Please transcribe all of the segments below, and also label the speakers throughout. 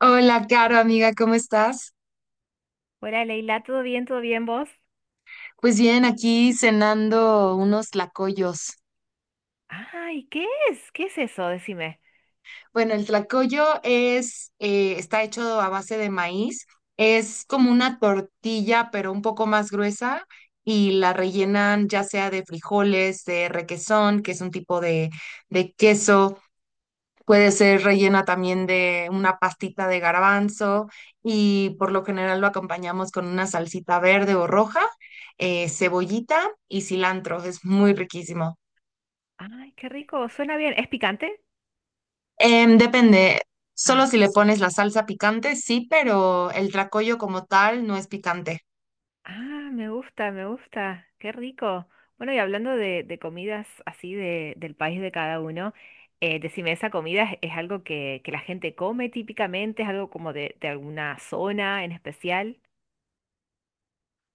Speaker 1: Hola, Caro, amiga, ¿cómo estás?
Speaker 2: Hola Leila, ¿todo bien? ¿Todo bien vos?
Speaker 1: Pues bien, aquí cenando unos tlacoyos.
Speaker 2: Ay, ¿qué es? ¿Qué es eso? Decime.
Speaker 1: Bueno, el tlacoyo está hecho a base de maíz. Es como una tortilla, pero un poco más gruesa y la rellenan ya sea de frijoles, de requesón, que es un tipo de queso. Puede ser rellena también de una pastita de garbanzo y por lo general lo acompañamos con una salsita verde o roja, cebollita y cilantro. Es muy riquísimo.
Speaker 2: Ay, qué rico, suena bien. ¿Es picante?
Speaker 1: Depende,
Speaker 2: Ah,
Speaker 1: solo si le pones la salsa picante, sí, pero el tracollo como tal no es picante.
Speaker 2: ah, me gusta, qué rico. Bueno, y hablando de comidas así de del país de cada uno, decime, ¿esa comida es algo que la gente come típicamente? ¿Es algo como de alguna zona en especial?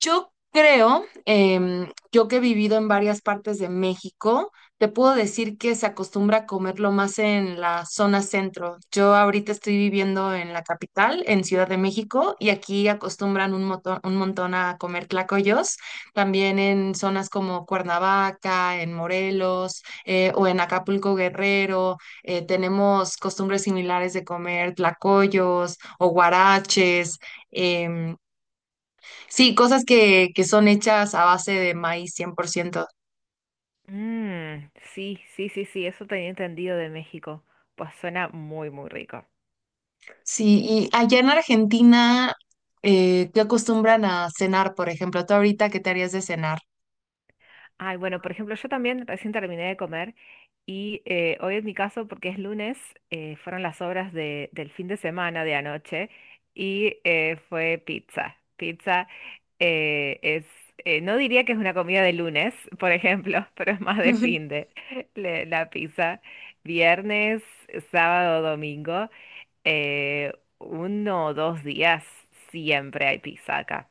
Speaker 1: Yo creo, yo que he vivido en varias partes de México, te puedo decir que se acostumbra a comerlo más en la zona centro. Yo ahorita estoy viviendo en la capital, en Ciudad de México, y aquí acostumbran un montón a comer tlacoyos, también en zonas como Cuernavaca, en Morelos, o en Acapulco Guerrero. Tenemos costumbres similares de comer tlacoyos o guaraches. Sí, cosas que son hechas a base de maíz 100%.
Speaker 2: Mmm, sí, sí, sí, sí, eso tenía entendido de México. Pues suena muy, muy rico.
Speaker 1: Sí, y allá en Argentina, ¿qué acostumbran a cenar, por ejemplo? ¿Tú ahorita qué te harías de cenar?
Speaker 2: Ay, bueno, por ejemplo, yo también recién terminé de comer y hoy en mi caso, porque es lunes, fueron las del fin de semana de anoche y fue pizza. Pizza es, no diría que es una comida de lunes, por ejemplo, pero es más de fin de la pizza. Viernes, sábado, domingo, eh, uno o dos días siempre hay pizza acá.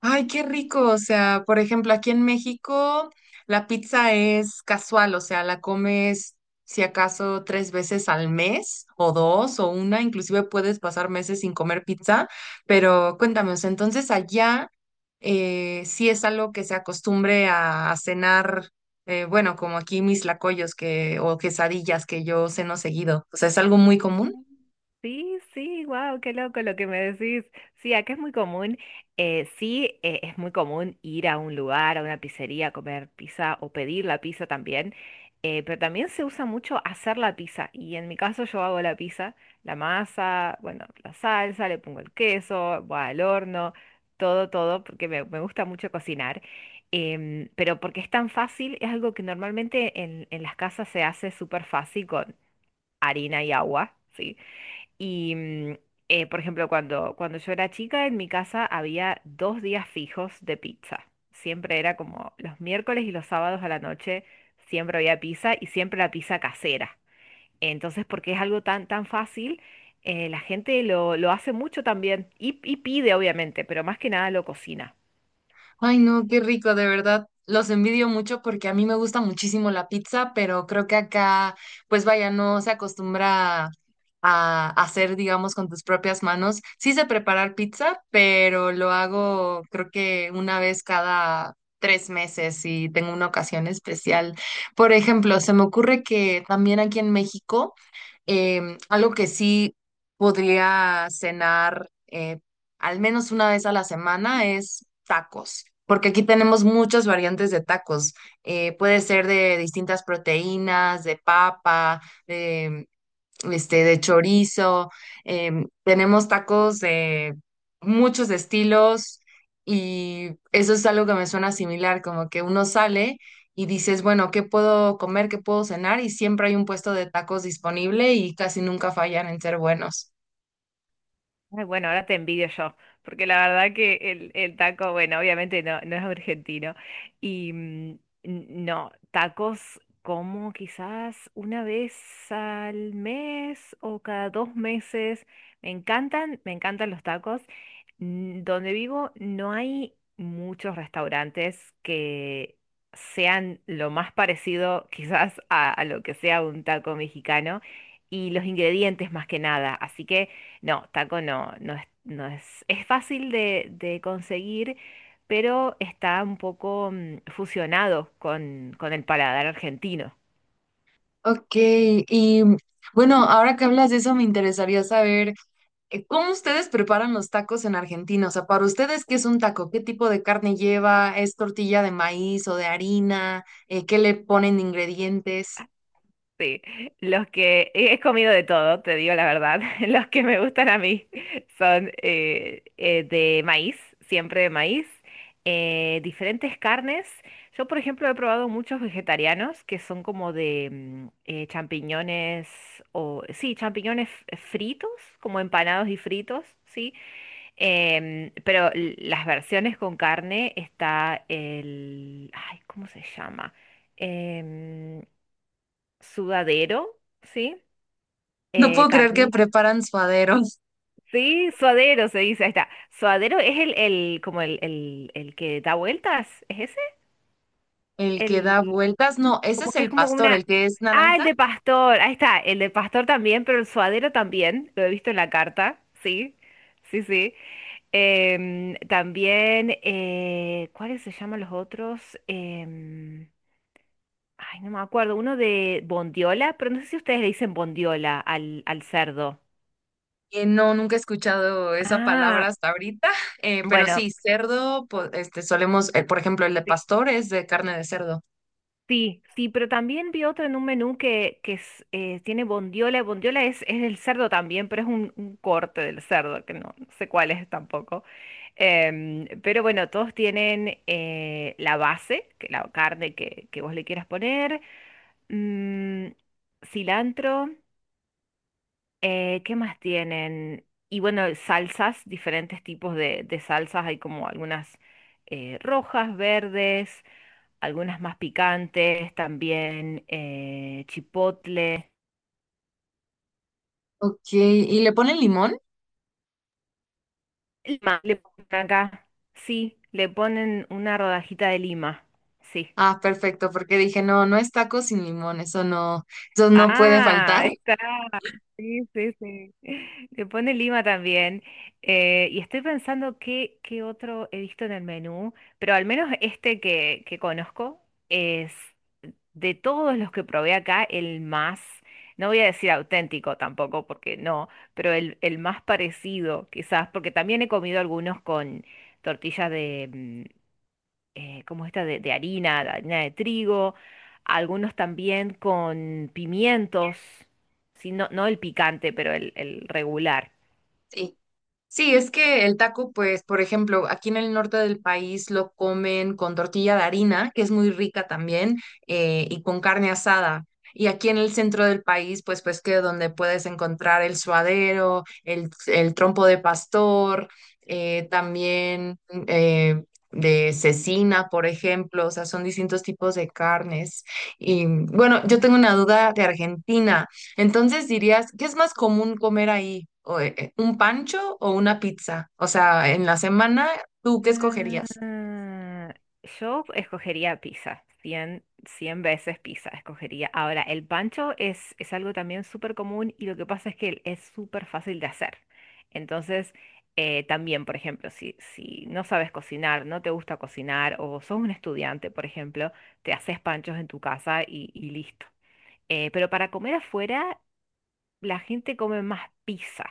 Speaker 1: Ay, qué rico. O sea, por ejemplo, aquí en México la pizza es casual, o sea, la comes si acaso tres veces al mes o dos o una, inclusive puedes pasar meses sin comer pizza, pero cuéntame, o sea, entonces allá, sí es algo que se acostumbre a cenar. Bueno, como aquí mis lacoyos que, o quesadillas que yo ceno seguido, o sea, es algo muy común.
Speaker 2: Sí, sí, wow, qué loco lo que me decís. Sí, acá es muy común, sí, es muy común ir a un lugar, a una pizzería, a comer pizza o pedir la pizza también, pero también se usa mucho hacer la pizza y en mi caso yo hago la pizza, la masa, bueno, la salsa, le pongo el queso, va al horno, todo, todo, porque me gusta mucho cocinar, pero porque es tan fácil, es algo que normalmente en las casas se hace súper fácil con harina y agua, ¿sí? Y, mm, por ejemplo, cuando yo era chica, en mi casa había dos días fijos de pizza. Siempre era como los miércoles y los sábados a la noche, siempre había pizza y siempre la pizza casera. Entonces, porque es algo tan fácil, la gente lo hace mucho también y pide, obviamente, pero más que nada lo cocina.
Speaker 1: Ay, no, qué rico, de verdad. Los envidio mucho porque a mí me gusta muchísimo la pizza, pero creo que acá, pues vaya, no se acostumbra a hacer, digamos, con tus propias manos. Sí sé preparar pizza, pero lo hago creo que una vez cada tres meses y tengo una ocasión especial. Por ejemplo, se me ocurre que también aquí en México, algo que sí podría cenar, al menos una vez a la semana, es tacos, porque aquí tenemos muchas variantes de tacos. Puede ser de distintas proteínas, de papa, este, de chorizo, tenemos tacos de muchos estilos y eso es algo que me suena similar, como que uno sale y dices, bueno, ¿qué puedo comer? ¿Qué puedo cenar? Y siempre hay un puesto de tacos disponible y casi nunca fallan en ser buenos.
Speaker 2: Ay, bueno, ahora te envidio yo, porque la verdad que el taco, bueno, obviamente no, no es argentino. Y mm, no, tacos como quizás una vez al mes o cada dos meses. Me encantan los tacos. Mm, donde vivo no hay muchos restaurantes que sean lo más parecido quizás a lo que sea un taco mexicano y los ingredientes más que nada. Así que... No, taco no, no es, es fácil de conseguir, pero está un poco mm, fusionado con el paladar argentino.
Speaker 1: Ok, y bueno, ahora que hablas de eso, me interesaría saber, ¿cómo ustedes preparan los tacos en Argentina? O sea, para ustedes, ¿qué es un taco? ¿Qué tipo de carne lleva? ¿Es tortilla de maíz o de harina? ¿Qué le ponen de ingredientes?
Speaker 2: Sí, los que he comido de todo, te digo la verdad. Los que me gustan a mí son de maíz, siempre de maíz, diferentes carnes. Yo, por ejemplo, he probado muchos vegetarianos que son como de mm, champiñones o sí, fritos, como empanados y fritos, sí. Em, pero las versiones con carne está el, ay, ¿cómo se llama? Em, sudadero, ¿sí?
Speaker 1: No puedo creer que
Speaker 2: Carni-
Speaker 1: preparan suadero.
Speaker 2: Sí, suadero se dice, ahí está. Suadero es el como el, el que da vueltas, ¿es ese?
Speaker 1: ¿El que
Speaker 2: El,
Speaker 1: da vueltas? No, ese
Speaker 2: como
Speaker 1: es
Speaker 2: que es
Speaker 1: el
Speaker 2: como
Speaker 1: pastor,
Speaker 2: una...
Speaker 1: el que es
Speaker 2: Ah, el
Speaker 1: naranja.
Speaker 2: de pastor, ahí está, el de pastor también, pero el suadero también, lo he visto en la carta, sí, sí, sí. Em, también, ¿cuáles se llaman los otros? Em, ay, no me acuerdo, uno de bondiola, pero no sé si ustedes le dicen bondiola al cerdo.
Speaker 1: No, nunca he escuchado esa palabra
Speaker 2: Ah,
Speaker 1: hasta ahorita, pero
Speaker 2: bueno,
Speaker 1: sí, cerdo, este, solemos, por ejemplo, el de
Speaker 2: sí,
Speaker 1: pastor es de carne de cerdo.
Speaker 2: sí, sí, pero también vi otro en un menú que es, tiene bondiola. Bondiola es el cerdo también, pero es un corte del cerdo, que no, no sé cuál es tampoco. Em, pero bueno, todos tienen la base, que la carne que vos le quieras poner, mm, cilantro, ¿qué más tienen? Y bueno, salsas, diferentes tipos de salsas, hay como algunas rojas, verdes. Algunas más picantes, también chipotle.
Speaker 1: Ok, ¿y le ponen limón?
Speaker 2: Lima, le ponen acá, sí, le ponen una rodajita de lima, sí.
Speaker 1: Ah, perfecto, porque dije, no, no es taco sin limón, eso no puede
Speaker 2: Ah, ahí
Speaker 1: faltar.
Speaker 2: está, sí, sí, sí. Le pone lima también. Y estoy pensando qué, qué otro he visto en el menú, pero al menos este que conozco es de todos los que probé acá, el más, no voy a decir auténtico tampoco, porque no, pero el más parecido, quizás, porque también he comido algunos con tortillas de, mm, ¿cómo es esta? De harina, de harina de trigo, algunos también con pimientos, sí, no, no el picante, pero el regular.
Speaker 1: Sí. Sí, es que el taco, pues, por ejemplo, aquí en el norte del país lo comen con tortilla de harina, que es muy rica también, y con carne asada. Y aquí en el centro del país, pues, pues que donde puedes encontrar el suadero, el trompo de pastor, también eh, de cecina, por ejemplo, o sea, son distintos tipos de carnes. Y bueno, yo tengo una duda de Argentina. Entonces dirías, ¿qué es más común comer ahí? ¿O, Un pancho o una pizza? O sea, en la semana, ¿tú qué escogerías?
Speaker 2: Ah, yo escogería pizza, 100 100 veces pizza escogería. Ahora, el pancho es algo también súper común y lo que pasa es que es súper fácil de hacer. Entonces, también, por ejemplo, si no sabes cocinar, no te gusta cocinar o sos un estudiante, por ejemplo, te haces panchos en tu casa y listo. Pero para comer afuera, la gente come más pizza.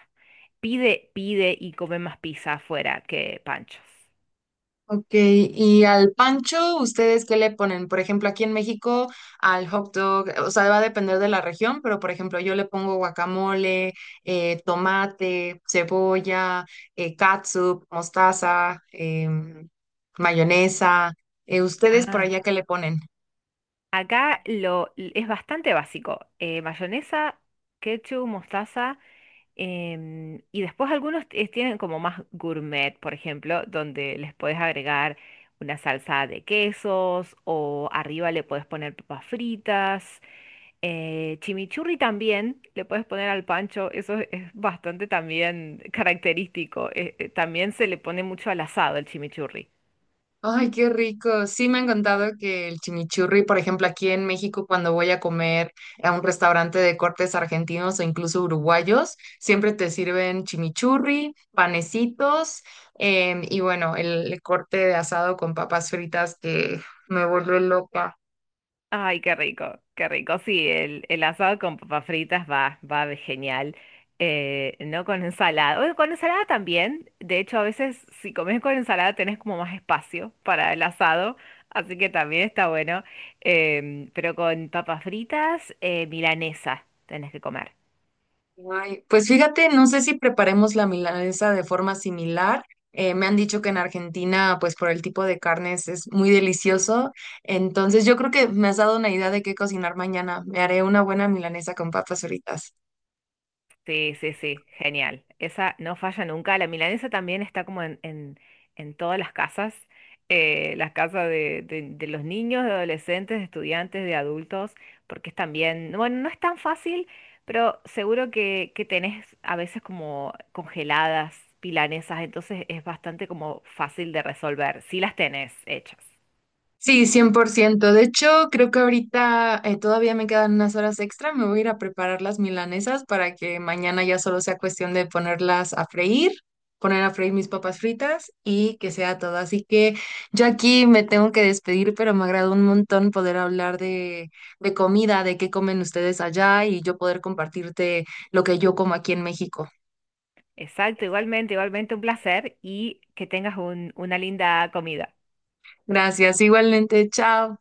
Speaker 2: Pide, pide y come más pizza afuera que panchos.
Speaker 1: Ok, y al pancho, ¿ustedes qué le ponen? Por ejemplo, aquí en México, al hot dog, o sea, va a depender de la región, pero por ejemplo, yo le pongo guacamole, tomate, cebolla, catsup, mostaza, mayonesa. ¿Ustedes por
Speaker 2: Ah,
Speaker 1: allá qué le ponen?
Speaker 2: acá lo, es bastante básico. Eh, mayonesa, ketchup, mostaza. Em, y después algunos tienen como más gourmet, por ejemplo, donde les puedes agregar una salsa de quesos o arriba le puedes poner papas fritas. Eh, chimichurri también le puedes poner al pancho. Eso es bastante también característico. También se le pone mucho al asado el chimichurri.
Speaker 1: Ay, qué rico. Sí, me han contado que el chimichurri, por ejemplo, aquí en México, cuando voy a comer a un restaurante de cortes argentinos o incluso uruguayos, siempre te sirven chimichurri, panecitos, y bueno, el corte de asado con papas fritas que me vuelve loca.
Speaker 2: Ay, qué rico, qué rico. Sí, el asado con papas fritas va, va de genial. No con ensalada. Oye, con ensalada también. De hecho, a veces si comes con ensalada tenés como más espacio para el asado, así que también está bueno. Em, pero con papas fritas, milanesa tenés que comer.
Speaker 1: Ay, pues fíjate, no sé si preparemos la milanesa de forma similar. Me han dicho que en Argentina, pues por el tipo de carnes es muy delicioso. Entonces yo creo que me has dado una idea de qué cocinar mañana. Me haré una buena milanesa con papas fritas.
Speaker 2: Sí, sí, sí, genial. Esa no falla nunca. La milanesa también está como en todas las casas de, de los niños, de adolescentes, de estudiantes, de adultos, porque es también, no, bueno, no es tan fácil, pero seguro que tenés a veces como congeladas milanesas, entonces es bastante como fácil de resolver, si las tenés hechas.
Speaker 1: Sí, 100%. De hecho, creo que ahorita todavía me quedan unas horas extra. Me voy a ir a preparar las milanesas para que mañana ya solo sea cuestión de ponerlas a freír, poner a freír mis papas fritas y que sea todo. Así que yo aquí me tengo que despedir, pero me agradó un montón poder hablar de comida, de qué comen ustedes allá y yo poder compartirte lo que yo como aquí en México.
Speaker 2: Exacto, igualmente, igualmente un placer y que tengas una linda comida.
Speaker 1: Gracias, igualmente, chao.